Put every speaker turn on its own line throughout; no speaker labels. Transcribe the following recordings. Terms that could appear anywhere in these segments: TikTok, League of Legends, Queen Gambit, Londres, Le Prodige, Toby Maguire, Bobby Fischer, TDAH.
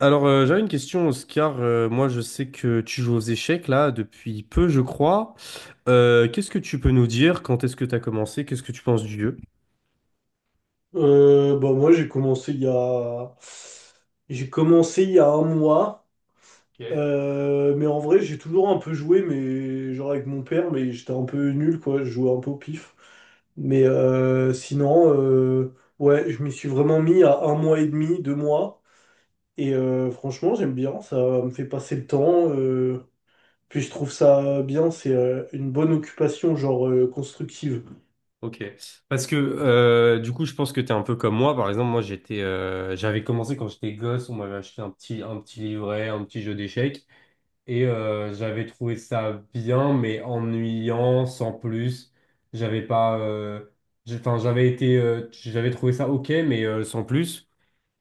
Alors, j'avais une question, Oscar. Moi, je sais que tu joues aux échecs, là, depuis peu, je crois. Qu'est-ce que tu peux nous dire? Quand est-ce que tu as commencé? Qu'est-ce que tu penses du jeu?
J'ai commencé il y a... J'ai commencé il y a un mois.
Ok,
Mais en vrai, j'ai toujours un peu joué, mais genre avec mon père, mais j'étais un peu nul, quoi. Je jouais un peu au pif. Mais sinon, ouais, je m'y suis vraiment mis à un mois et demi, deux mois. Franchement, j'aime bien, ça me fait passer le temps. Puis je trouve ça bien, c'est une bonne occupation, genre constructive.
ok. Parce que, du coup, je pense que tu es un peu comme moi. Par exemple, moi, j'avais commencé quand j'étais gosse. On m'avait acheté un petit livret, un petit jeu d'échecs. J'avais trouvé ça bien, mais ennuyant, sans plus. J'avais pas... j'ai- Enfin, J'avais été... J'avais trouvé ça OK, mais sans plus.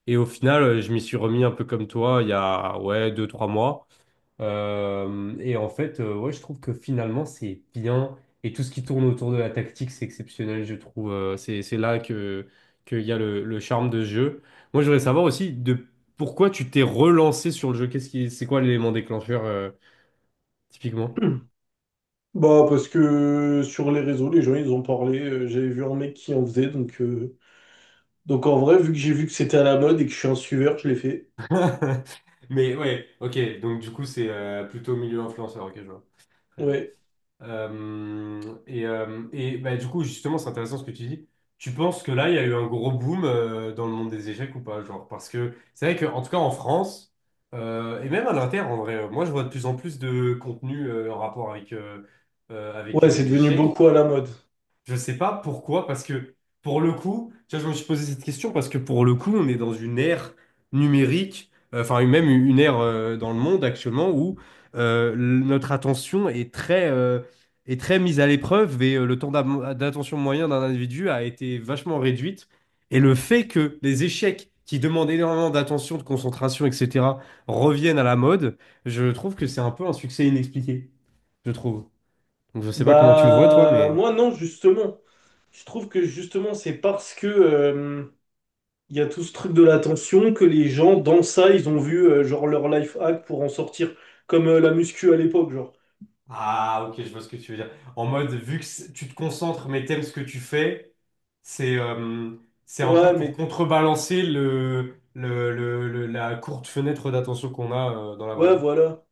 Et au final, je m'y suis remis un peu comme toi il y a ouais, deux, trois mois. Ouais, je trouve que finalement, c'est bien. Et tout ce qui tourne autour de la tactique, c'est exceptionnel, je trouve. C'est là qu'il y a le charme de ce jeu. Moi, je voudrais savoir aussi de pourquoi tu t'es relancé sur le jeu. C'est quoi l'élément déclencheur, typiquement?
Bah, parce que sur les réseaux, les gens, ils ont parlé. J'avais vu un mec qui en faisait. Donc en vrai, vu que j'ai vu que c'était à la mode et que je suis un suiveur, je l'ai fait.
Mais ouais, ok. Donc, du coup, c'est plutôt milieu influenceur, ok, je vois. Très bien.
Ouais.
Euh, du coup, justement, c'est intéressant ce que tu dis. Tu penses que là, il y a eu un gros boom dans le monde des échecs ou pas? Genre, parce que c'est vrai que, en tout cas, en France, et même à l'inter, en vrai, moi, je vois de plus en plus de contenu en rapport avec,
Ouais, c'est
les
devenu
échecs.
beaucoup à la mode.
Je sais pas pourquoi, parce que pour le coup, tu vois, je me suis posé cette question parce que pour le coup, on est dans une ère numérique, enfin même une ère dans le monde actuellement où euh, l- notre attention est est très mise à l'épreuve et le temps d'attention moyen d'un individu a été vachement réduite. Et le fait que les échecs qui demandent énormément d'attention, de concentration, etc., reviennent à la mode, je trouve que c'est un peu un succès inexpliqué, je trouve. Donc je sais pas comment tu le vois, toi,
Bah,
mais...
moi, non, justement. Je trouve que justement, c'est parce que il y a tout ce truc de l'attention que les gens, dans ça, ils ont vu genre leur life hack pour en sortir. Comme la muscu à l'époque, genre.
Ah, ok, je vois ce que tu veux dire. En mode, vu que c'est- tu te concentres, mais t'aimes ce que tu fais, c'est euh, c'est un peu
Ouais,
pour
mais
contrebalancer la courte fenêtre d'attention qu'on a dans la vraie
ouais,
vie.
voilà.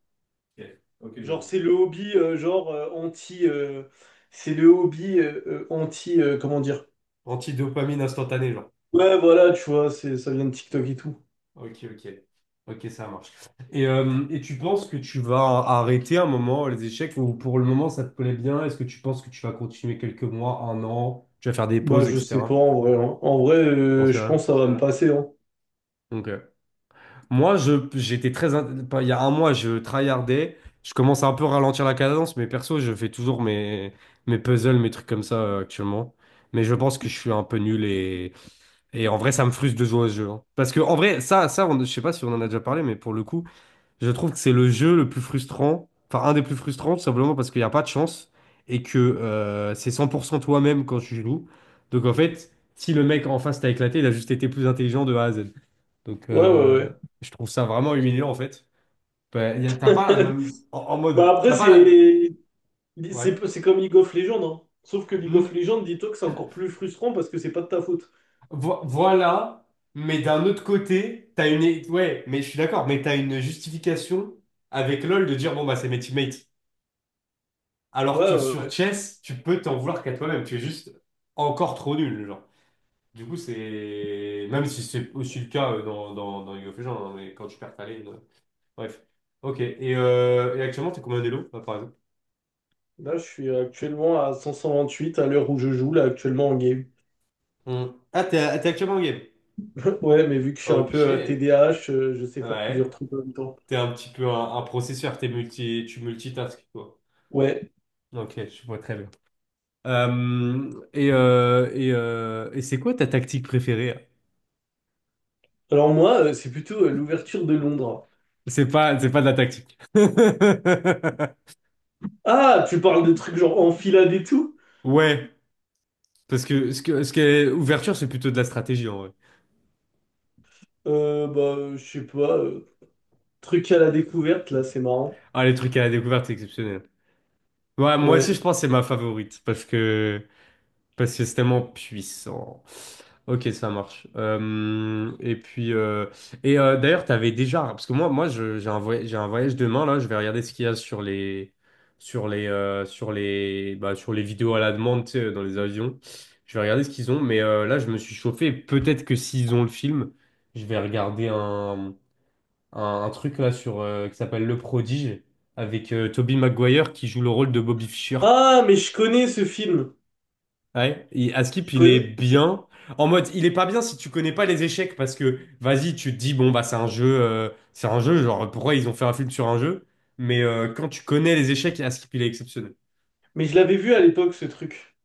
Ok, ok, je
Genre,
vois.
c'est le hobby, genre, anti. C'est le hobby anti. Comment dire?
Antidopamine instantanée, genre.
Ouais, voilà, tu vois, c'est, ça vient de TikTok et tout.
Ok, ok. Ok, ça marche. Et tu penses que tu vas arrêter un moment les échecs ou pour le moment ça te plaît bien? Est-ce que tu penses que tu vas continuer quelques mois, un an? Tu vas faire des
Bah,
pauses,
je sais pas,
etc.
en vrai, hein. En vrai,
T'en sais
je
rien?
pense que ça va me passer. Hein.
Ok. Moi, j'étais très, in- pas- il y a un mois, je tryhardais. Je commence à un peu ralentir la cadence, mais perso, je fais toujours mes puzzles, mes trucs comme ça actuellement. Mais je pense que je suis un peu nul et en vrai, ça me frustre de jouer à ce jeu, hein. Parce que en vrai, je sais pas si on en a déjà parlé, mais pour le coup, je trouve que c'est le jeu le plus frustrant, enfin un des plus frustrants, tout simplement parce qu'il n'y a pas de chance et que c'est 100% toi-même quand tu joues. Donc en fait, si le mec en face t'a éclaté, il a juste été plus intelligent de A à Z. Donc,
Ouais, ouais,
je trouve ça vraiment humiliant, en fait. T'as pas la
ouais.
même... En, en mode...
Bah, après,
T'as pas la...
c'est.
Ouais.
C'est comme League of Legends, hein. Sauf que League of
Mm,
Legends, dis-toi que c'est encore plus frustrant parce que c'est pas de ta faute.
voilà, mais d'un autre côté, Ouais, mais je suis d'accord, mais t'as une justification avec LoL de dire, bon, bah, c'est mes teammates. Alors
Ouais,
que
ouais,
sur
ouais.
Chess, tu peux t'en vouloir qu'à toi-même. Tu es juste encore trop nul, genre. Du coup, c'est... Même si c'est aussi le cas dans League of Legends, hein, mais quand tu perds ta lane... Bref. Ok. Et actuellement, t'es combien d'élo, par exemple?
Là, je suis actuellement à 528 à l'heure où je joue, là, actuellement en game.
Hmm. Ah, t'es actuellement en game.
Ouais, mais vu que je suis un peu
Ok.
TDAH, je sais faire plusieurs
Ouais.
trucs en même temps.
T'es un petit peu un processeur, t'es multi, tu multitasques, quoi.
Ouais.
Ok, je vois très bien. Et c'est quoi ta tactique préférée, hein?
Alors moi, c'est plutôt l'ouverture de Londres.
C'est pas de la tactique.
Ah, tu parles de trucs genre enfilade et tout?
Ouais, parce que ce qui est ouverture, c'est plutôt de la stratégie, en vrai.
Bah, je sais pas. Truc à la découverte, là, c'est marrant.
Ah, les trucs à la découverte, c'est exceptionnel. Ouais, moi aussi, je
Ouais.
pense que c'est ma favorite, parce que c'est tellement puissant. Ok, ça marche. Et puis, et D'ailleurs, t'avais déjà, parce que j'ai un voyage demain là. Je vais regarder ce qu'il y a sur les vidéos à la demande, tu sais, dans les avions. Je vais regarder ce qu'ils ont. Mais là, je me suis chauffé. Peut-être que s'ils ont le film, je vais regarder un truc là sur qui s'appelle Le Prodige avec Toby Maguire qui joue le rôle de Bobby Fischer.
Ah, mais je connais ce film.
Ouais, et Askip,
Je
il est
connais.
bien. En mode, il est pas bien si tu connais pas les échecs parce que, vas-y, tu te dis, bon, bah, c'est un jeu, genre, pourquoi ils ont fait un film sur un jeu? Mais quand tu connais les échecs, Askip, il est exceptionnel.
Mais je l'avais vu à l'époque, ce truc.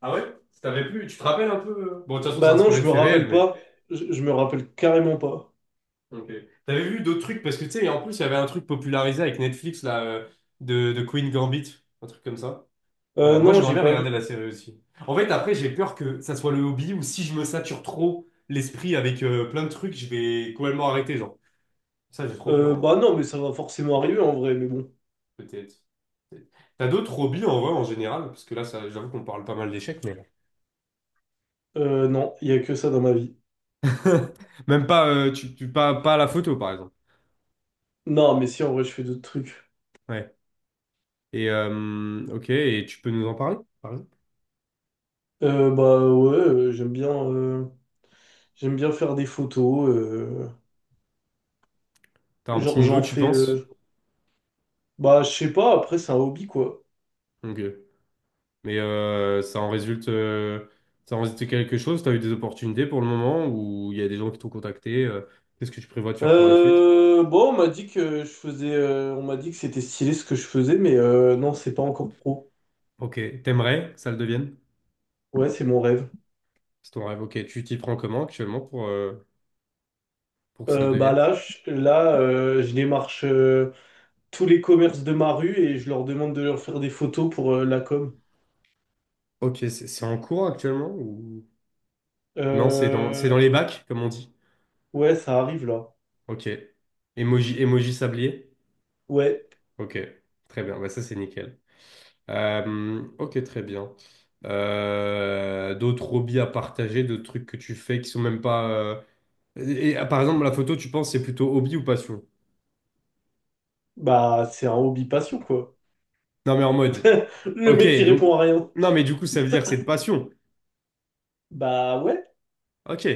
Ah ouais? T'avais plus, tu te rappelles un peu, euh? Bon, de toute façon, c'est
Bah non,
inspiré
je
de
me
faits réels,
rappelle
mais.
pas. Je me rappelle carrément pas.
Ok. T'avais vu d'autres trucs parce que, tu sais, en plus, il y avait un truc popularisé avec Netflix, là, de Queen Gambit, un truc comme ça. Moi,
Non,
j'aimerais
j'ai
bien
pas vu.
regarder la série aussi. En fait, après, j'ai peur que ça soit le hobby ou si je me sature trop l'esprit avec plein de trucs, je vais complètement arrêter, genre. Ça, j'ai trop peur,
Euh,
en vrai.
bah non, mais ça va forcément arriver en vrai, mais bon.
Peut-être. Peut-être. T'as d'autres hobbies, en vrai, en général? Parce que là, ça, j'avoue qu'on parle pas mal d'échecs, mais...
Non, il y a que ça dans ma vie.
Même pas, pas à la photo, par exemple.
Non, mais si, en vrai, je fais d'autres trucs.
Ouais. Et, ok, et tu peux nous en parler, par exemple?
Bah ouais, j'aime bien... J'aime bien faire des photos.
T'as un petit
Genre,
niveau,
j'en
tu
fais.
penses?
euh, Bah, je sais pas, après, c'est un hobby, quoi.
Ok. Mais ça en résulte quelque chose? Tu as eu des opportunités pour le moment où il y a des gens qui t'ont contacté, qu'est-ce que tu prévois de faire pour la suite?
Bon, on m'a dit que je faisais. On m'a dit que c'était stylé ce que je faisais, mais non, c'est pas encore pro.
Ok, t'aimerais que ça le devienne?
Ouais, c'est mon rêve.
C'est ton rêve. Ok, tu t'y prends comment actuellement pour que ça le
Euh, bah
devienne?
là, je, là, euh, je démarche tous les commerces de ma rue et je leur demande de leur faire des photos pour la com.
Ok, c'est en cours actuellement ou... Non, c'est c'est
Euh,
dans les bacs, comme on dit.
Ouais, ça arrive là.
Ok. Emoji, emoji sablier?
Ouais,
Ok, très bien. Bah, ça, c'est nickel. Ok, très bien. D'autres hobbies à partager, d'autres trucs que tu fais qui sont même pas... et, par exemple, la photo, tu penses c'est plutôt hobby ou passion?
bah c'est un hobby passion quoi.
Non, mais en mode,
Le
ok,
mec qui
donc,
répond à rien.
non, mais du coup, ça veut dire que c'est de passion.
Bah ouais.
Ok.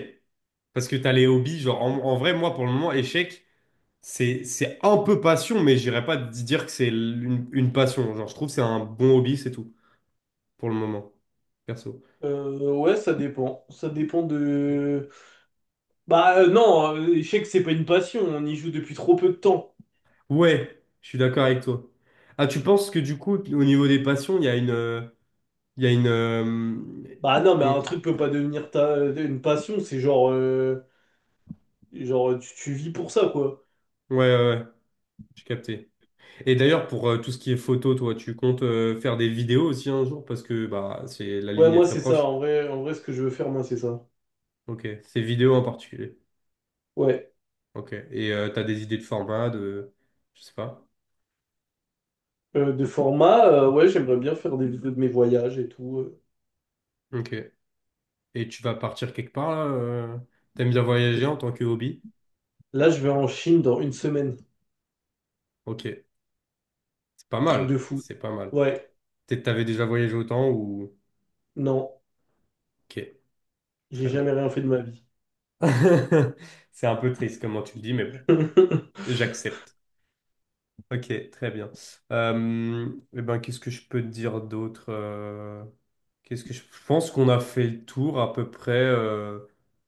Parce que t'as les hobbies, genre, en, en vrai, moi, pour le moment, échec, c'est un peu passion, mais j'irais pas dire que c'est une passion. Genre, je trouve que c'est un bon hobby, c'est tout, pour le moment, perso.
Ouais, ça dépend. Ça dépend de... Bah non, l'échec, c'est pas une passion, on y joue depuis trop peu de temps.
Ouais, je suis d'accord avec toi. Ah, tu penses que du coup, au niveau des passions, il y a une, il y a une,
Bah non, mais
on-
un truc peut pas devenir ta... une passion, c'est genre... Genre, tu vis pour ça, quoi.
ouais, ouais, ouais, j'ai capté. Et d'ailleurs, pour tout ce qui est photo, toi, tu comptes faire des vidéos aussi un jour parce que bah c'est la
Ouais,
ligne est
moi,
très
c'est ça,
proche.
en vrai, ce que je veux faire, moi, c'est ça.
Ok, c'est vidéo en particulier.
Ouais.
Ok. Et t'as des idées de format, de je sais pas.
De format, ouais, j'aimerais bien faire des vidéos de mes voyages et tout.
Ok. Et tu vas partir quelque part là, t'aimes bien voyager en
Je-
tant que hobby?
Là, je vais en Chine dans une semaine.
Ok. C'est pas
Truc
mal.
de fou.
C'est pas mal.
Ouais,
Peut-être t'avais déjà voyagé autant ou.
non,
Ok.
j'ai
Très bien.
jamais rien fait de ma vie.
C'est un peu triste comment tu le dis, mais bon, j'accepte. Ok, très bien. Euh, eh ben, qu'est-ce que je peux te dire d'autre, qu'est-ce que je pense qu'on a fait le tour à peu près euh,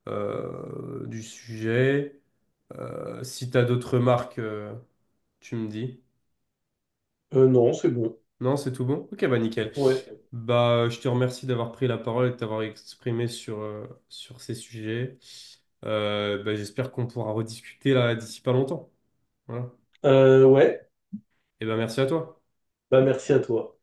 euh, du sujet. Si tu as d'autres remarques, tu me dis.
Non, c'est bon.
Non, c'est tout bon? Ok, bah nickel.
Ouais.
Bah, je te remercie d'avoir pris la parole et de t'avoir exprimé sur, sur ces sujets. Bah, j'espère qu'on pourra rediscuter là d'ici pas longtemps. Voilà.
Ouais.
Et ben merci à toi.
Bah, merci à toi.